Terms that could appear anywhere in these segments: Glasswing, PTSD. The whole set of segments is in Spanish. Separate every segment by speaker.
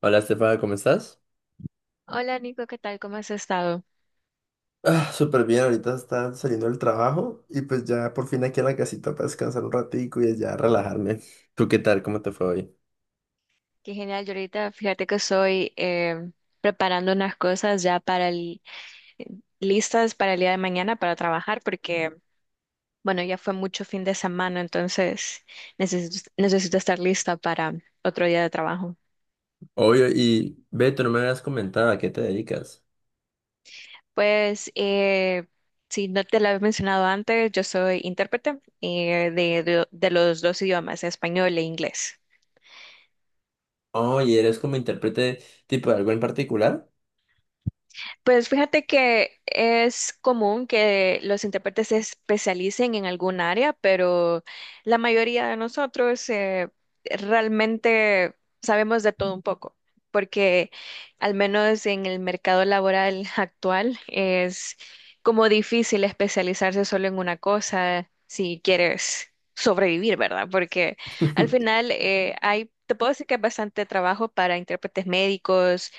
Speaker 1: Hola, Estefana, ¿cómo estás?
Speaker 2: Hola Nico, ¿qué tal? ¿Cómo has estado?
Speaker 1: Ah, súper bien, ahorita está saliendo del trabajo y pues ya por fin aquí en la casita para descansar un ratico y ya relajarme. ¿Tú qué tal? ¿Cómo te fue hoy?
Speaker 2: Qué genial, yo ahorita fíjate que estoy preparando unas cosas ya listas para el día de mañana para trabajar porque, bueno, ya fue mucho fin de semana, entonces necesito estar lista para otro día de trabajo.
Speaker 1: Oye, y Beto, no me habías comentado a qué te dedicas.
Speaker 2: Pues, si no te lo había mencionado antes, yo soy intérprete de los dos idiomas, español e inglés.
Speaker 1: Oye, ¿eres como intérprete tipo de algo en particular?
Speaker 2: Pues fíjate que es común que los intérpretes se especialicen en algún área, pero la mayoría de nosotros realmente sabemos de todo un poco, porque al menos en el mercado laboral actual es como difícil especializarse solo en una cosa si quieres sobrevivir, ¿verdad? Porque al final te puedo decir que hay bastante trabajo para intérpretes médicos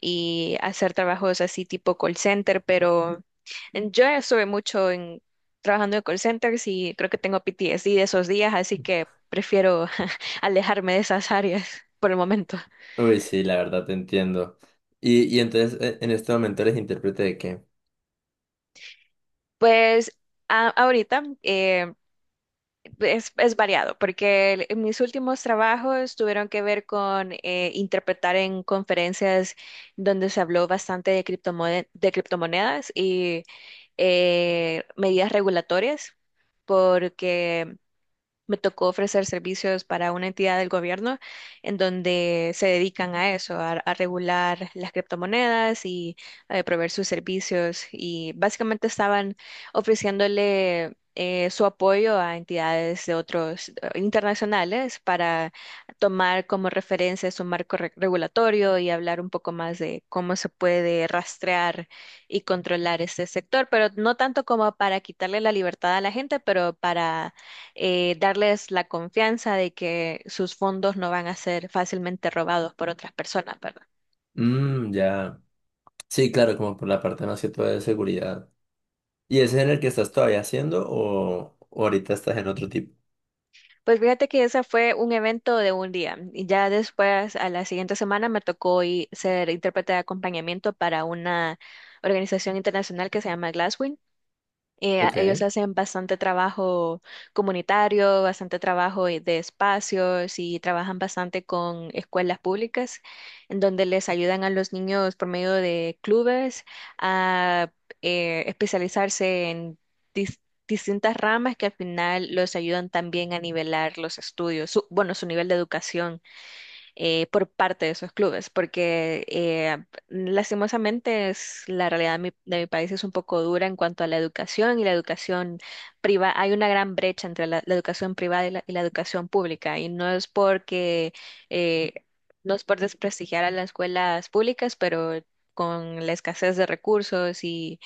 Speaker 2: y hacer trabajos así tipo call center, pero yo estuve mucho en trabajando en call centers y creo que tengo PTSD de esos días, así que prefiero alejarme de esas áreas por el momento.
Speaker 1: Uy, sí, la verdad te entiendo. Y entonces, en este momento ¿eres intérprete de qué?
Speaker 2: Pues ahorita es variado, porque en mis últimos trabajos tuvieron que ver con interpretar en conferencias donde se habló bastante de de criptomonedas y medidas regulatorias porque me tocó ofrecer servicios para una entidad del gobierno en donde se dedican a eso, a regular las criptomonedas y a proveer sus servicios. Y básicamente estaban ofreciéndole su apoyo a entidades de otros internacionales para tomar como referencia su marco regulatorio y hablar un poco más de cómo se puede rastrear y controlar este sector, pero no tanto como para quitarle la libertad a la gente, pero para darles la confianza de que sus fondos no van a ser fácilmente robados por otras personas, ¿verdad?
Speaker 1: Mmm, ya. Sí, claro, como por la parte más que todo de seguridad. ¿Y ese es en el que estás todavía haciendo o ahorita estás en otro tipo?
Speaker 2: Pues fíjate que ese fue un evento de un día y ya después a la siguiente semana me tocó ser intérprete de acompañamiento para una organización internacional que se llama Glasswing.
Speaker 1: Ok.
Speaker 2: Ellos hacen bastante trabajo comunitario, bastante trabajo de espacios y trabajan bastante con escuelas públicas, en donde les ayudan a los niños por medio de clubes a especializarse en dis- distintas ramas que al final los ayudan también a nivelar los estudios, bueno, su nivel de educación por parte de esos clubes, porque lastimosamente es, la realidad de de mi país es un poco dura en cuanto a la educación y la educación privada. Hay una gran brecha entre la educación privada y la educación pública, y no es porque, eh, no es por desprestigiar a las escuelas públicas, pero con la escasez de recursos y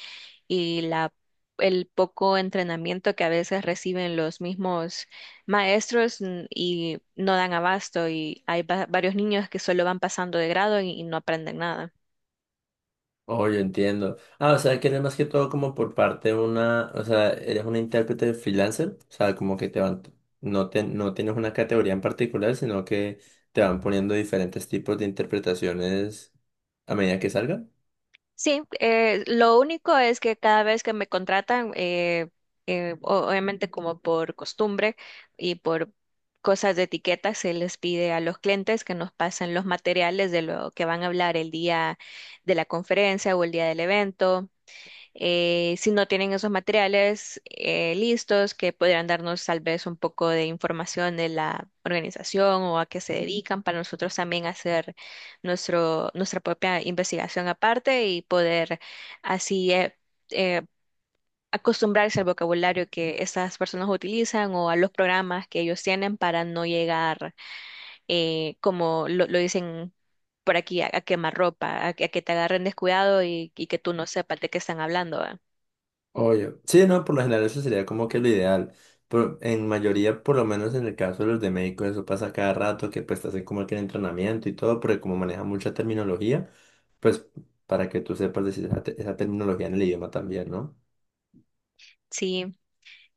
Speaker 2: y la, el poco entrenamiento que a veces reciben los mismos maestros y no dan abasto y hay varios niños que solo van pasando de grado y no aprenden nada.
Speaker 1: Oh, yo entiendo. Ah, o sea, que eres más que todo como por parte de una, o sea, eres una intérprete freelancer, o sea, como que te van, no tienes una categoría en particular, sino que te van poniendo diferentes tipos de interpretaciones a medida que salgan.
Speaker 2: Sí, lo único es que cada vez que me contratan, obviamente como por costumbre y por cosas de etiqueta, se les pide a los clientes que nos pasen los materiales de lo que van a hablar el día de la conferencia o el día del evento. Si no tienen esos materiales listos, que podrían darnos tal vez un poco de información de la organización o a qué se dedican para nosotros también hacer nuestra propia investigación aparte y poder así eh, acostumbrarse al vocabulario que estas personas utilizan o a los programas que ellos tienen para no llegar, lo dicen. Por aquí a quemar ropa, a que te agarren descuidado y que tú no sepas de qué están hablando, ¿va?
Speaker 1: Obvio. Sí, no, por lo general eso sería como que lo ideal. En mayoría, por lo menos en el caso de los de médicos, eso pasa cada rato, que pues te hacen como que el entrenamiento y todo, porque como maneja mucha terminología, pues para que tú sepas decir esa terminología en el idioma también, ¿no?
Speaker 2: Sí.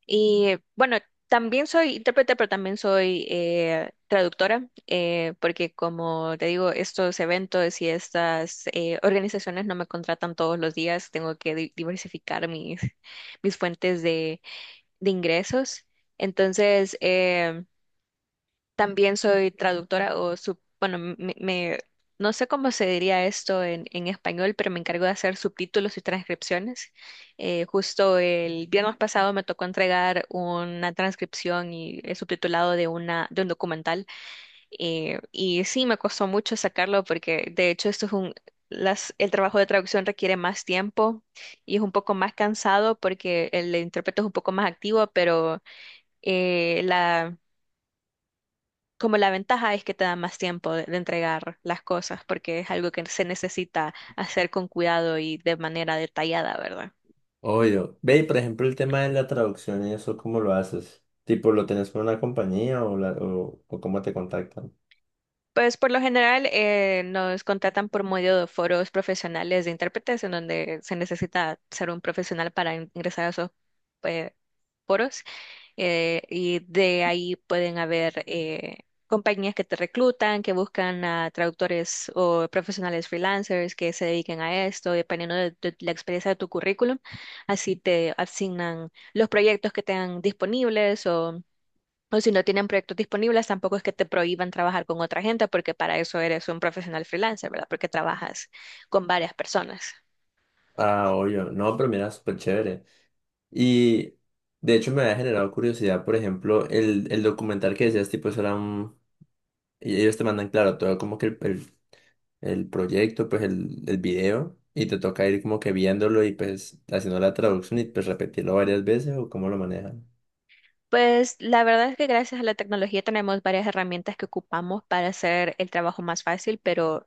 Speaker 2: Y bueno, también soy intérprete, pero también soy traductora, porque como te digo, estos eventos y estas organizaciones no me contratan todos los días, tengo que diversificar mis, mis fuentes de ingresos. Entonces, también soy traductora o, bueno, no sé cómo se diría esto en español, pero me encargo de hacer subtítulos y transcripciones. Justo el viernes pasado me tocó entregar una transcripción y el subtitulado de, de un documental. Eh, y sí, me costó mucho sacarlo porque de hecho esto es un... El trabajo de traducción requiere más tiempo y es un poco más cansado porque el intérprete es un poco más activo, pero la como la ventaja es que te da más tiempo de entregar las cosas porque es algo que se necesita hacer con cuidado y de manera detallada, ¿verdad?
Speaker 1: Obvio. Ve, y por ejemplo, el tema de la traducción y eso, ¿cómo lo haces? Tipo, ¿lo tenés con una compañía o ¿cómo te contactan?
Speaker 2: Pues por lo general nos contratan por medio de foros profesionales de intérpretes en donde se necesita ser un profesional para ingresar a esos eh, foros, y de ahí pueden haber compañías que te reclutan, que buscan a traductores o profesionales freelancers que se dediquen a esto, dependiendo de la experiencia de tu currículum. Así te asignan los proyectos que tengan disponibles o si no tienen proyectos disponibles, tampoco es que te prohíban trabajar con otra gente, porque para eso eres un profesional freelancer, ¿verdad? Porque trabajas con varias personas.
Speaker 1: Ah, obvio. No, pero mira, súper chévere. Y de hecho me había generado curiosidad, por ejemplo, el documental que decías, tipo, eso era un... y ellos te mandan, claro, todo como que el proyecto, pues el video, y te toca ir como que viéndolo y pues haciendo la traducción y pues repetirlo varias veces o cómo lo manejan.
Speaker 2: Pues la verdad es que gracias a la tecnología tenemos varias herramientas que ocupamos para hacer el trabajo más fácil, pero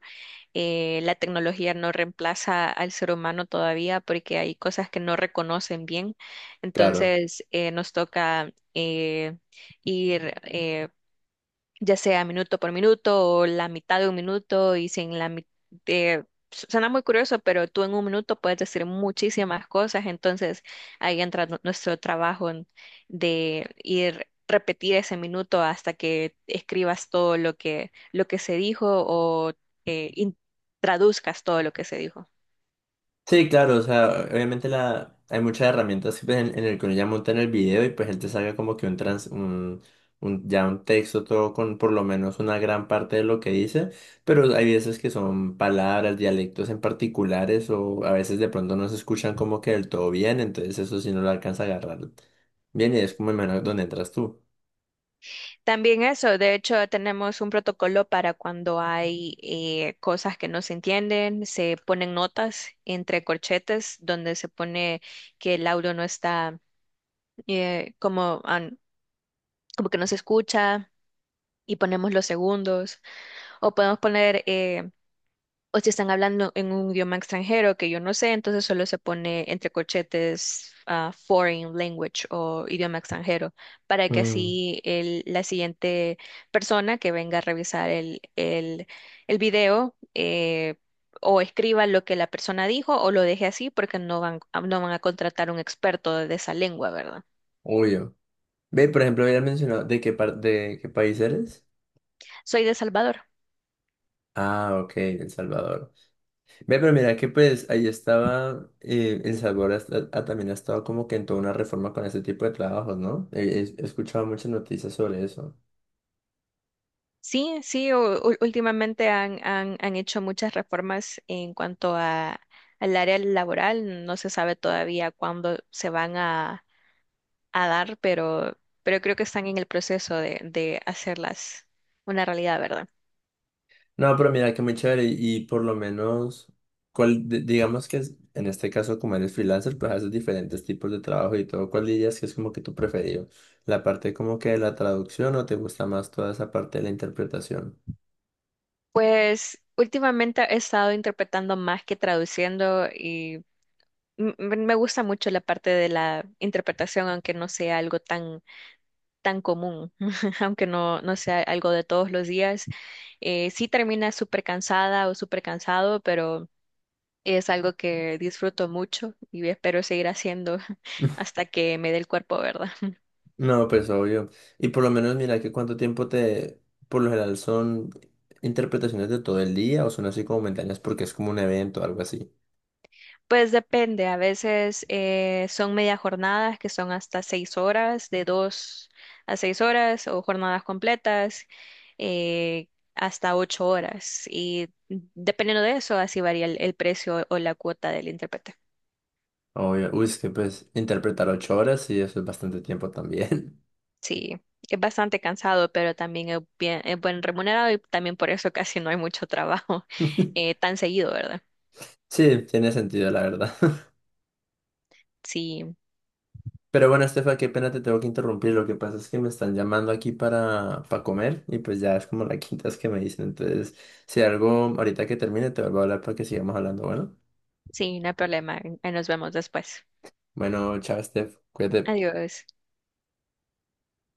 Speaker 2: la tecnología no reemplaza al ser humano todavía porque hay cosas que no reconocen bien.
Speaker 1: Claro.
Speaker 2: Entonces nos toca ir ya sea minuto por minuto o la mitad de un minuto y sin la mitad suena muy curioso, pero tú en un minuto puedes decir muchísimas cosas, entonces ahí entra nuestro trabajo de ir repetir ese minuto hasta que escribas todo lo que se dijo o eh, in- traduzcas todo lo que se dijo.
Speaker 1: Sí, claro, o sea, obviamente hay muchas herramientas que, pues, en el que uno ya monta en el video y pues él te salga como que un trans, un- ya un texto todo con por lo menos una gran parte de lo que dice, pero hay veces que son palabras, dialectos en particulares o a veces de pronto no se escuchan como que del todo bien, entonces eso sí no lo alcanza a agarrar bien y es como el menos donde entras tú.
Speaker 2: También eso, de hecho, tenemos un protocolo para cuando hay cosas que no se entienden, se ponen notas entre corchetes donde se pone que el audio no está eh, como, an- como que no se escucha y ponemos los segundos o podemos poner o si están hablando en un idioma extranjero que yo no sé, entonces solo se pone entre corchetes ah, foreign language o idioma extranjero, para que
Speaker 1: Mm,
Speaker 2: así la siguiente persona que venga a revisar el video o escriba lo que la persona dijo o lo deje así porque no van a contratar un experto de esa lengua, ¿verdad?
Speaker 1: obvio. Ve, por ejemplo, habías mencionado de qué país eres.
Speaker 2: Soy de Salvador.
Speaker 1: Ah, ok, El Salvador. Ve, pero mira que pues ahí estaba, El Salvador también ha estado como que en toda una reforma con ese tipo de trabajos, ¿no? He escuchado muchas noticias sobre eso.
Speaker 2: Últimamente han hecho muchas reformas en cuanto a, al área laboral. No se sabe todavía cuándo se van a dar, pero creo que están en el proceso de hacerlas una realidad, ¿verdad?
Speaker 1: No, pero mira que muy chévere y por lo menos, digamos que en este caso como eres freelancer, pues haces diferentes tipos de trabajo y todo. ¿Cuál dirías que es como que tu preferido? ¿La parte como que de la traducción o te gusta más toda esa parte de la interpretación?
Speaker 2: Pues últimamente he estado interpretando más que traduciendo y me gusta mucho la parte de la interpretación, aunque no sea algo tan tan común, aunque no, no sea algo de todos los días. Sí termina súper cansada o súper cansado, pero es algo que disfruto mucho y espero seguir haciendo hasta que me dé el cuerpo, ¿verdad?
Speaker 1: No, pues obvio. Y por lo menos mira que cuánto tiempo te, por lo general son interpretaciones de todo el día o son así como momentáneas porque es como un evento o algo así.
Speaker 2: Pues depende, a veces son media jornadas que son hasta 6 horas, de dos a 6 horas, o jornadas completas, eh, hasta 8 horas. Y dependiendo de eso, así varía el precio o la cuota del intérprete.
Speaker 1: Obvio. Uy, es que pues interpretar 8 horas y eso es bastante tiempo también.
Speaker 2: Sí, es bastante cansado, pero también es buen remunerado y también por eso casi no hay mucho trabajo tan seguido, ¿verdad?
Speaker 1: Sí, tiene sentido, la verdad.
Speaker 2: Sí,
Speaker 1: Pero bueno, Estefa, qué pena te tengo que interrumpir. Lo que pasa es que me están llamando aquí para comer y pues ya es como la quinta vez que me dicen. Entonces, si algo ahorita que termine te vuelvo a hablar para que sigamos hablando. Bueno,
Speaker 2: sí, no hay problema. Ahí nos vemos después.
Speaker 1: bueno, chao, Estef. Cuídate.
Speaker 2: Adiós.